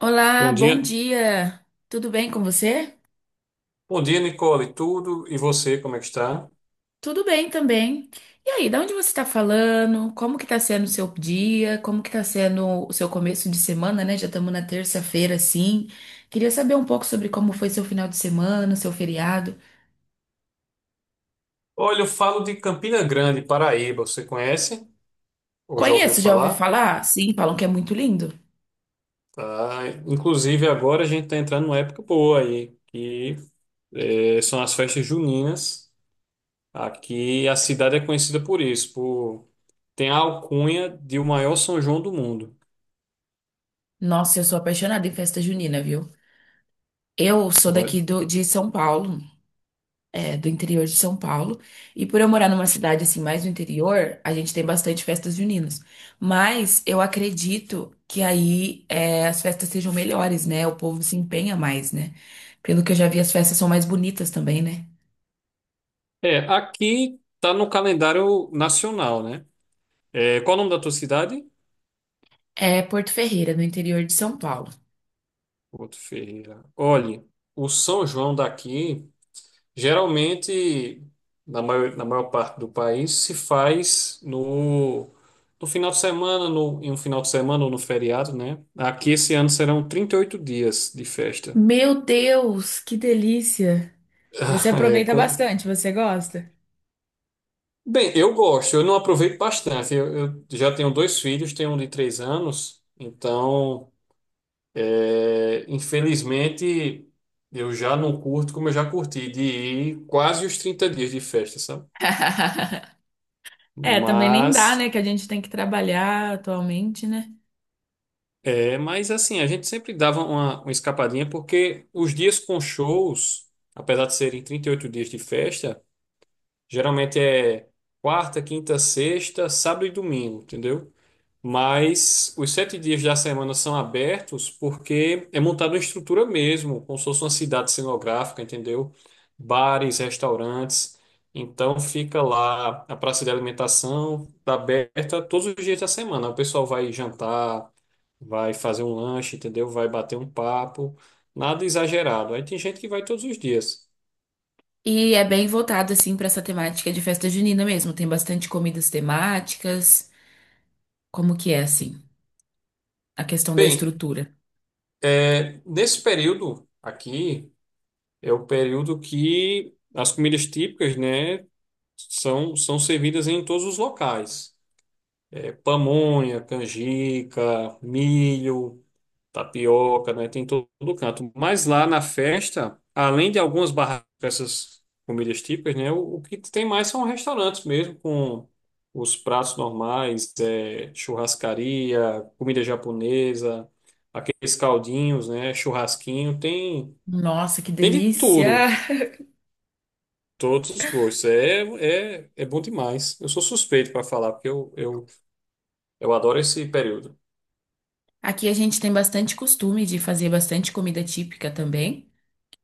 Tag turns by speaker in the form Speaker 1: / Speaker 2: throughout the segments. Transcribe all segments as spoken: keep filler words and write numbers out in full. Speaker 1: Olá,
Speaker 2: Bom
Speaker 1: bom
Speaker 2: dia.
Speaker 1: dia. Tudo bem com você?
Speaker 2: Bom dia, Nicole. Tudo e você, como é que está?
Speaker 1: Tudo bem também. E aí, da onde você está falando? Como que tá sendo o seu dia? Como que tá sendo o seu começo de semana, né? Já estamos na terça-feira, assim. Queria saber um pouco sobre como foi seu final de semana, seu feriado.
Speaker 2: Olha, eu falo de Campina Grande, Paraíba. Você conhece? Ou já ouviu
Speaker 1: Conheço, já ouvi
Speaker 2: falar?
Speaker 1: falar? Sim, falam que é muito lindo.
Speaker 2: Tá. Inclusive, agora a gente está entrando numa época boa aí, que eh, são as festas juninas. Aqui a cidade é conhecida por isso, por tem a alcunha de o maior São João do mundo.
Speaker 1: Nossa, eu sou apaixonada em festa junina, viu? Eu sou
Speaker 2: Então, É,
Speaker 1: daqui do- de São Paulo. É, do interior de São Paulo. E por eu morar numa cidade assim mais do interior, a gente tem bastante festas juninas. Mas eu acredito que aí é, as festas sejam melhores, né? O povo se empenha mais, né? Pelo que eu já vi, as festas são mais bonitas também, né?
Speaker 2: É, aqui está no calendário nacional, né? É, qual o nome da tua cidade?
Speaker 1: É Porto Ferreira, no interior de São Paulo.
Speaker 2: Porto Ferreira. Olhe, o São João daqui. Geralmente, na maior, na maior parte do país, se faz no, no final de semana, no, em um final de semana ou no feriado, né? Aqui esse ano serão trinta e oito dias de festa.
Speaker 1: Meu Deus, que delícia! Você
Speaker 2: É,
Speaker 1: aproveita
Speaker 2: com-
Speaker 1: bastante, você gosta?
Speaker 2: bem, eu gosto, eu não aproveito bastante. Eu, eu já tenho dois filhos, tenho um de três anos, então, é, infelizmente, eu já não curto como eu já curti, de ir quase os trinta dias de festa, sabe?
Speaker 1: É, também nem dá, né?
Speaker 2: Mas.
Speaker 1: Que a gente tem que trabalhar atualmente, né?
Speaker 2: É, mas assim, a gente sempre dava uma, uma escapadinha, porque os dias com shows, apesar de serem trinta e oito dias de festa, geralmente é quarta, quinta, sexta, sábado e domingo, entendeu? Mas os sete dias da semana são abertos porque é montada uma estrutura mesmo, como se fosse uma cidade cenográfica, entendeu? Bares, restaurantes. Então fica lá a praça de alimentação, tá aberta todos os dias da semana. O pessoal vai jantar, vai fazer um lanche, entendeu? Vai bater um papo. Nada exagerado. Aí tem gente que vai todos os dias.
Speaker 1: E é bem voltado, assim, pra essa temática de festa junina mesmo. Tem bastante comidas temáticas. Como que é, assim, a questão da
Speaker 2: Bem,
Speaker 1: estrutura?
Speaker 2: é, nesse período aqui é o período que as comidas típicas, né? são, são servidas em todos os locais. É, pamonha, canjica, milho, tapioca, né? Tem todo canto. Mas lá na festa, além de algumas barracas com essas comidas típicas, né? O, o que tem mais são restaurantes mesmo, com os pratos normais, é, churrascaria, comida japonesa, aqueles caldinhos, né? Churrasquinho, tem,
Speaker 1: Nossa, que
Speaker 2: tem de
Speaker 1: delícia!
Speaker 2: tudo. Todos os gostos. É, é, é bom demais. Eu sou suspeito para falar, porque eu, eu, eu adoro esse período.
Speaker 1: Aqui a gente tem bastante costume de fazer bastante comida típica também.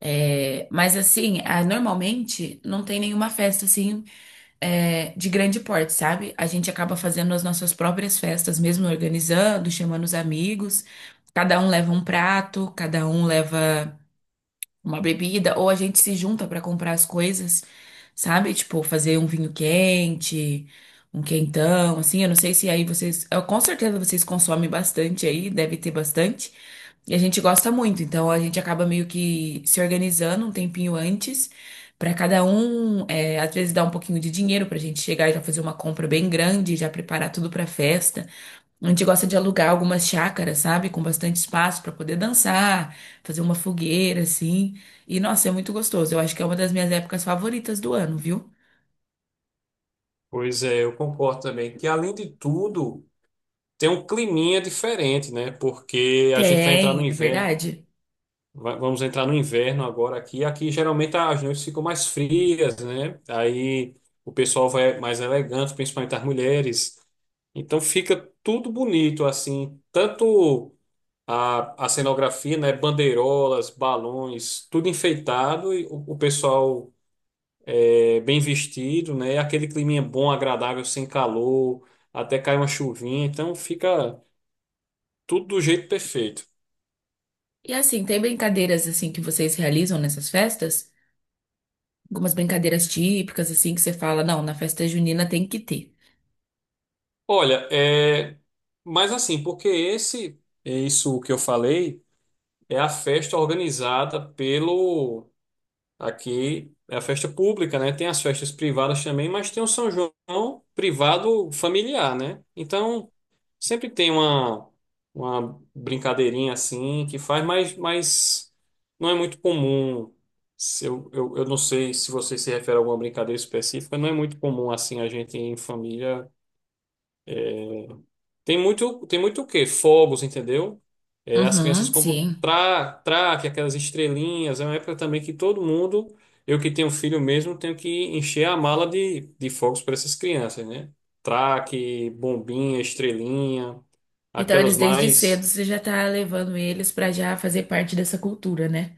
Speaker 1: É, mas, assim, ah, normalmente não tem nenhuma festa, assim, é, de grande porte, sabe? A gente acaba fazendo as nossas próprias festas, mesmo organizando, chamando os amigos. Cada um leva um prato, cada um leva uma bebida, ou a gente se junta pra comprar as coisas, sabe? Tipo, fazer um vinho quente, um quentão, assim. Eu não sei se aí vocês. Eu- com certeza vocês consomem bastante aí, deve ter bastante. E a gente gosta muito, então a gente acaba meio que se organizando um tempinho antes. Pra cada um, é, às vezes dá um pouquinho de dinheiro pra gente chegar e já fazer uma compra bem grande, já preparar tudo pra festa. A gente gosta de alugar algumas chácaras, sabe? Com bastante espaço para poder dançar, fazer uma fogueira, assim. E, nossa, é muito gostoso. Eu acho que é uma das minhas épocas favoritas do ano, viu?
Speaker 2: Pois é, eu concordo também que, além de tudo, tem um climinha diferente, né? Porque a gente vai entrar no
Speaker 1: Tem, é
Speaker 2: inverno.
Speaker 1: verdade.
Speaker 2: Va- Vamos entrar no inverno agora aqui. Aqui geralmente as noites ficam mais frias, né? Aí o pessoal vai mais elegante, principalmente as mulheres. Então fica tudo bonito, assim. Tanto. A, a cenografia, né? Bandeirolas, balões, tudo enfeitado e o, o pessoal é, bem vestido, né? Aquele climinha bom, agradável, sem calor, até cai uma chuvinha, então fica tudo do jeito perfeito.
Speaker 1: E assim, tem brincadeiras assim que vocês realizam nessas festas? Algumas brincadeiras típicas, assim, que você fala, não, na festa junina tem que ter.
Speaker 2: Olha, é, mas assim, porque esse, é isso que eu falei, é a festa organizada pelo aqui é a festa pública, né? Tem as festas privadas também, mas tem o São João privado familiar, né? Então, sempre tem uma, uma brincadeirinha assim que faz, mas, mas não é muito comum. Se Eu, eu, eu não sei se você se refere a alguma brincadeira específica, não é muito comum assim a gente em família tem muito, tem muito o quê? Fogos, entendeu? É, as crianças
Speaker 1: Uhum,
Speaker 2: compram
Speaker 1: sim.
Speaker 2: tra, traque, aquelas estrelinhas. É uma época também que todo mundo, eu que tenho filho mesmo, tenho que encher a mala de, de fogos para essas crianças, né? Traque, bombinha, estrelinha,
Speaker 1: Então
Speaker 2: aquelas
Speaker 1: eles desde cedo
Speaker 2: mais.
Speaker 1: você já tá levando eles pra já fazer parte dessa cultura, né?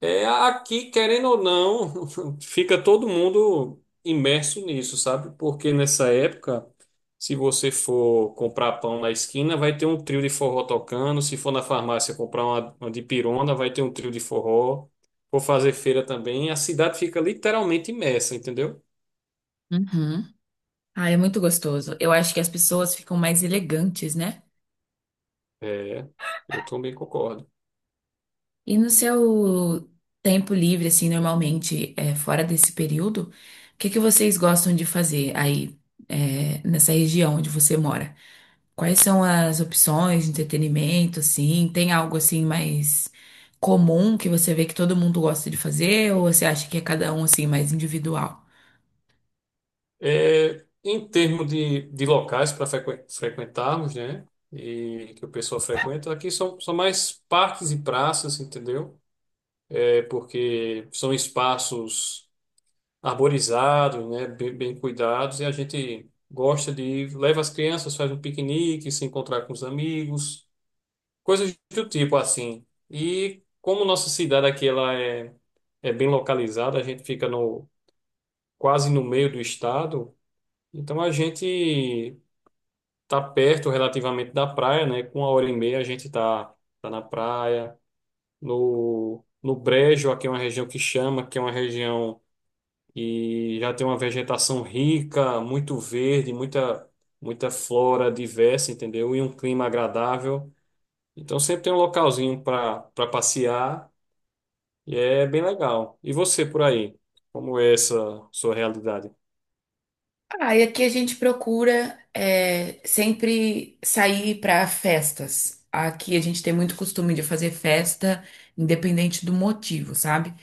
Speaker 2: É, aqui, querendo ou não, fica todo mundo imerso nisso, sabe? Porque nessa época, se você for comprar pão na esquina, vai ter um trio de forró tocando. Se for na farmácia comprar uma, uma de pirona, vai ter um trio de forró. For fazer feira também, a cidade fica literalmente imersa, entendeu?
Speaker 1: Uhum. Ah, é muito gostoso. Eu acho que as pessoas ficam mais elegantes, né?
Speaker 2: É, eu também concordo.
Speaker 1: E no seu tempo livre, assim, normalmente, é, fora desse período, o que que vocês gostam de fazer aí, é, nessa região onde você mora? Quais são as opções de entretenimento, assim? Tem algo, assim, mais comum que você vê que todo mundo gosta de fazer? Ou você acha que é cada um, assim, mais individual?
Speaker 2: É, em termos de, de locais para frequentarmos, né? E que o pessoal frequenta, aqui são, são mais parques e praças, entendeu? É porque são espaços arborizados, né? Bem, bem cuidados, e a gente gosta de ir, leva as crianças, faz um piquenique, se encontrar com os amigos, coisas do tipo assim. E como nossa cidade aqui ela é, é bem localizada, a gente fica no, quase no meio do estado. Então a gente tá perto relativamente da praia, né? Com uma hora e meia a gente tá, tá na praia. No, no Brejo, aqui é uma região que chama, que é uma região que já tem uma vegetação rica, muito verde, muita, muita flora diversa, entendeu? E um clima agradável. Então sempre tem um localzinho para para passear e é bem legal. E você por aí? Como é essa sua realidade?
Speaker 1: Ah, e aqui a gente procura é, sempre sair para festas. Aqui a gente tem muito costume de fazer festa, independente do motivo, sabe?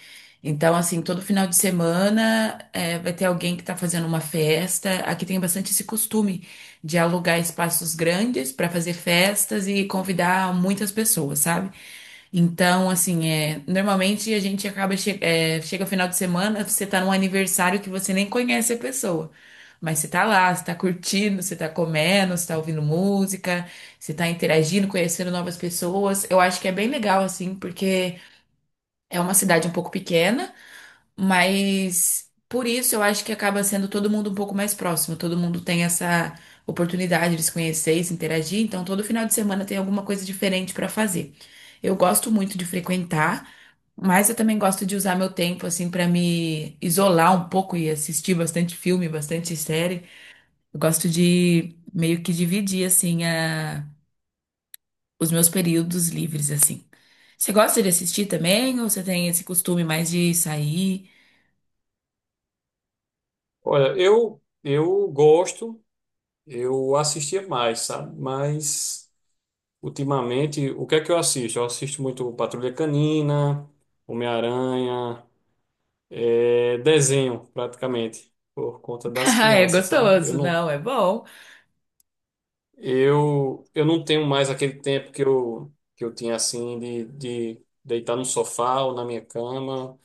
Speaker 1: Então, assim, todo final de semana é, vai ter alguém que tá fazendo uma festa. Aqui tem bastante esse costume de alugar espaços grandes para fazer festas e convidar muitas pessoas, sabe? Então, assim, é, normalmente a gente acaba, che é, chega o final de semana, você tá num aniversário que você nem conhece a pessoa. Mas você tá lá, você tá curtindo, você tá comendo, você tá ouvindo música, você tá interagindo, conhecendo novas pessoas. Eu acho que é bem legal, assim, porque é uma cidade um pouco pequena. Mas por isso eu acho que acaba sendo todo mundo um pouco mais próximo, todo mundo tem essa oportunidade de se conhecer e se interagir, então todo final de semana tem alguma coisa diferente para fazer. Eu gosto muito de frequentar, mas eu também gosto de usar meu tempo assim para me isolar um pouco e assistir bastante filme, bastante série. Eu gosto de meio que dividir assim a- os meus períodos livres assim. Você gosta de assistir também ou você tem esse costume mais de sair?
Speaker 2: Olha, eu eu gosto, eu assistia mais, sabe? Mas ultimamente, o que é que eu assisto? Eu assisto muito Patrulha Canina, Homem-Aranha, é, desenho, praticamente, por conta das
Speaker 1: Ah, é
Speaker 2: crianças, sabe? Eu
Speaker 1: gostoso,
Speaker 2: não,
Speaker 1: não, é bom.
Speaker 2: eu, eu não tenho mais aquele tempo que eu, que eu tinha, assim, de, de deitar no sofá ou na minha cama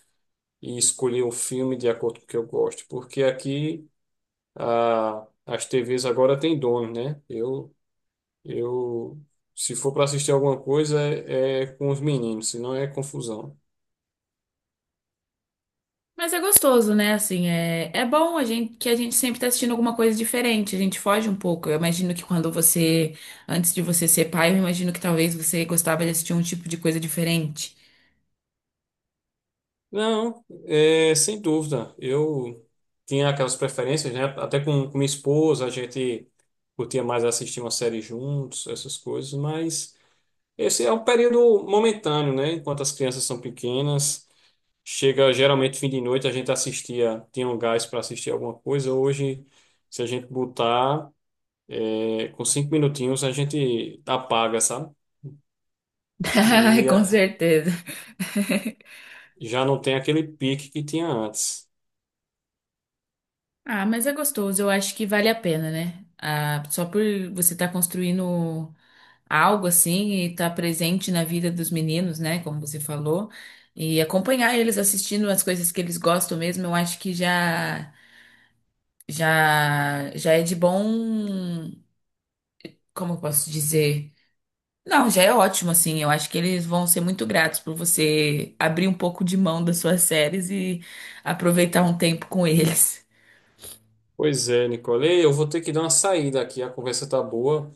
Speaker 2: e escolher um filme de acordo com o que eu gosto, porque aqui a, as T Vs agora têm dono, né? Eu, eu se for para assistir alguma coisa, é é com os meninos, senão é confusão.
Speaker 1: Mas é gostoso, né? Assim, é, é bom a gente que a gente sempre tá assistindo alguma coisa diferente, a gente foge um pouco. Eu imagino que quando você, antes de você ser pai, eu imagino que talvez você gostava de assistir um tipo de coisa diferente.
Speaker 2: Não, é, sem dúvida. Eu tinha aquelas preferências, né? Até com, com minha esposa, a gente curtia mais assistir uma série juntos, essas coisas, mas esse é um período momentâneo, né? Enquanto as crianças são pequenas, chega geralmente fim de noite, a gente assistia, tinha um gás para assistir alguma coisa. Hoje, se a gente botar, é, com cinco minutinhos, a gente apaga, sabe?
Speaker 1: Ai,
Speaker 2: E
Speaker 1: com
Speaker 2: é,
Speaker 1: certeza.
Speaker 2: já não tem aquele pique que tinha antes.
Speaker 1: Ah, mas é gostoso, eu acho que vale a pena, né? Ah, só por você estar construindo algo assim e estar presente na vida dos meninos, né? Como você falou, e acompanhar eles assistindo as coisas que eles gostam mesmo, eu acho que já já já é de bom, como eu posso dizer? Não, já é ótimo assim. Eu acho que eles vão ser muito gratos por você abrir um pouco de mão das suas séries e aproveitar um tempo com eles.
Speaker 2: Pois é, Nicole. Eu vou ter que dar uma saída aqui. A conversa tá boa,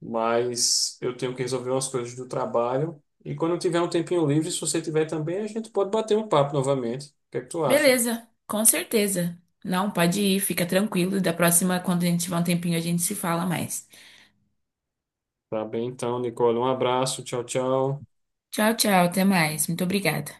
Speaker 2: mas eu tenho que resolver umas coisas do trabalho. E quando eu tiver um tempinho livre, se você tiver também, a gente pode bater um papo novamente. O que é que tu acha?
Speaker 1: Beleza, com certeza. Não, pode ir, fica tranquilo. Da próxima, quando a gente tiver um tempinho, a gente se fala mais.
Speaker 2: Tá bem, então, Nicole. Um abraço. Tchau, tchau.
Speaker 1: Tchau, tchau, até mais. Muito obrigada.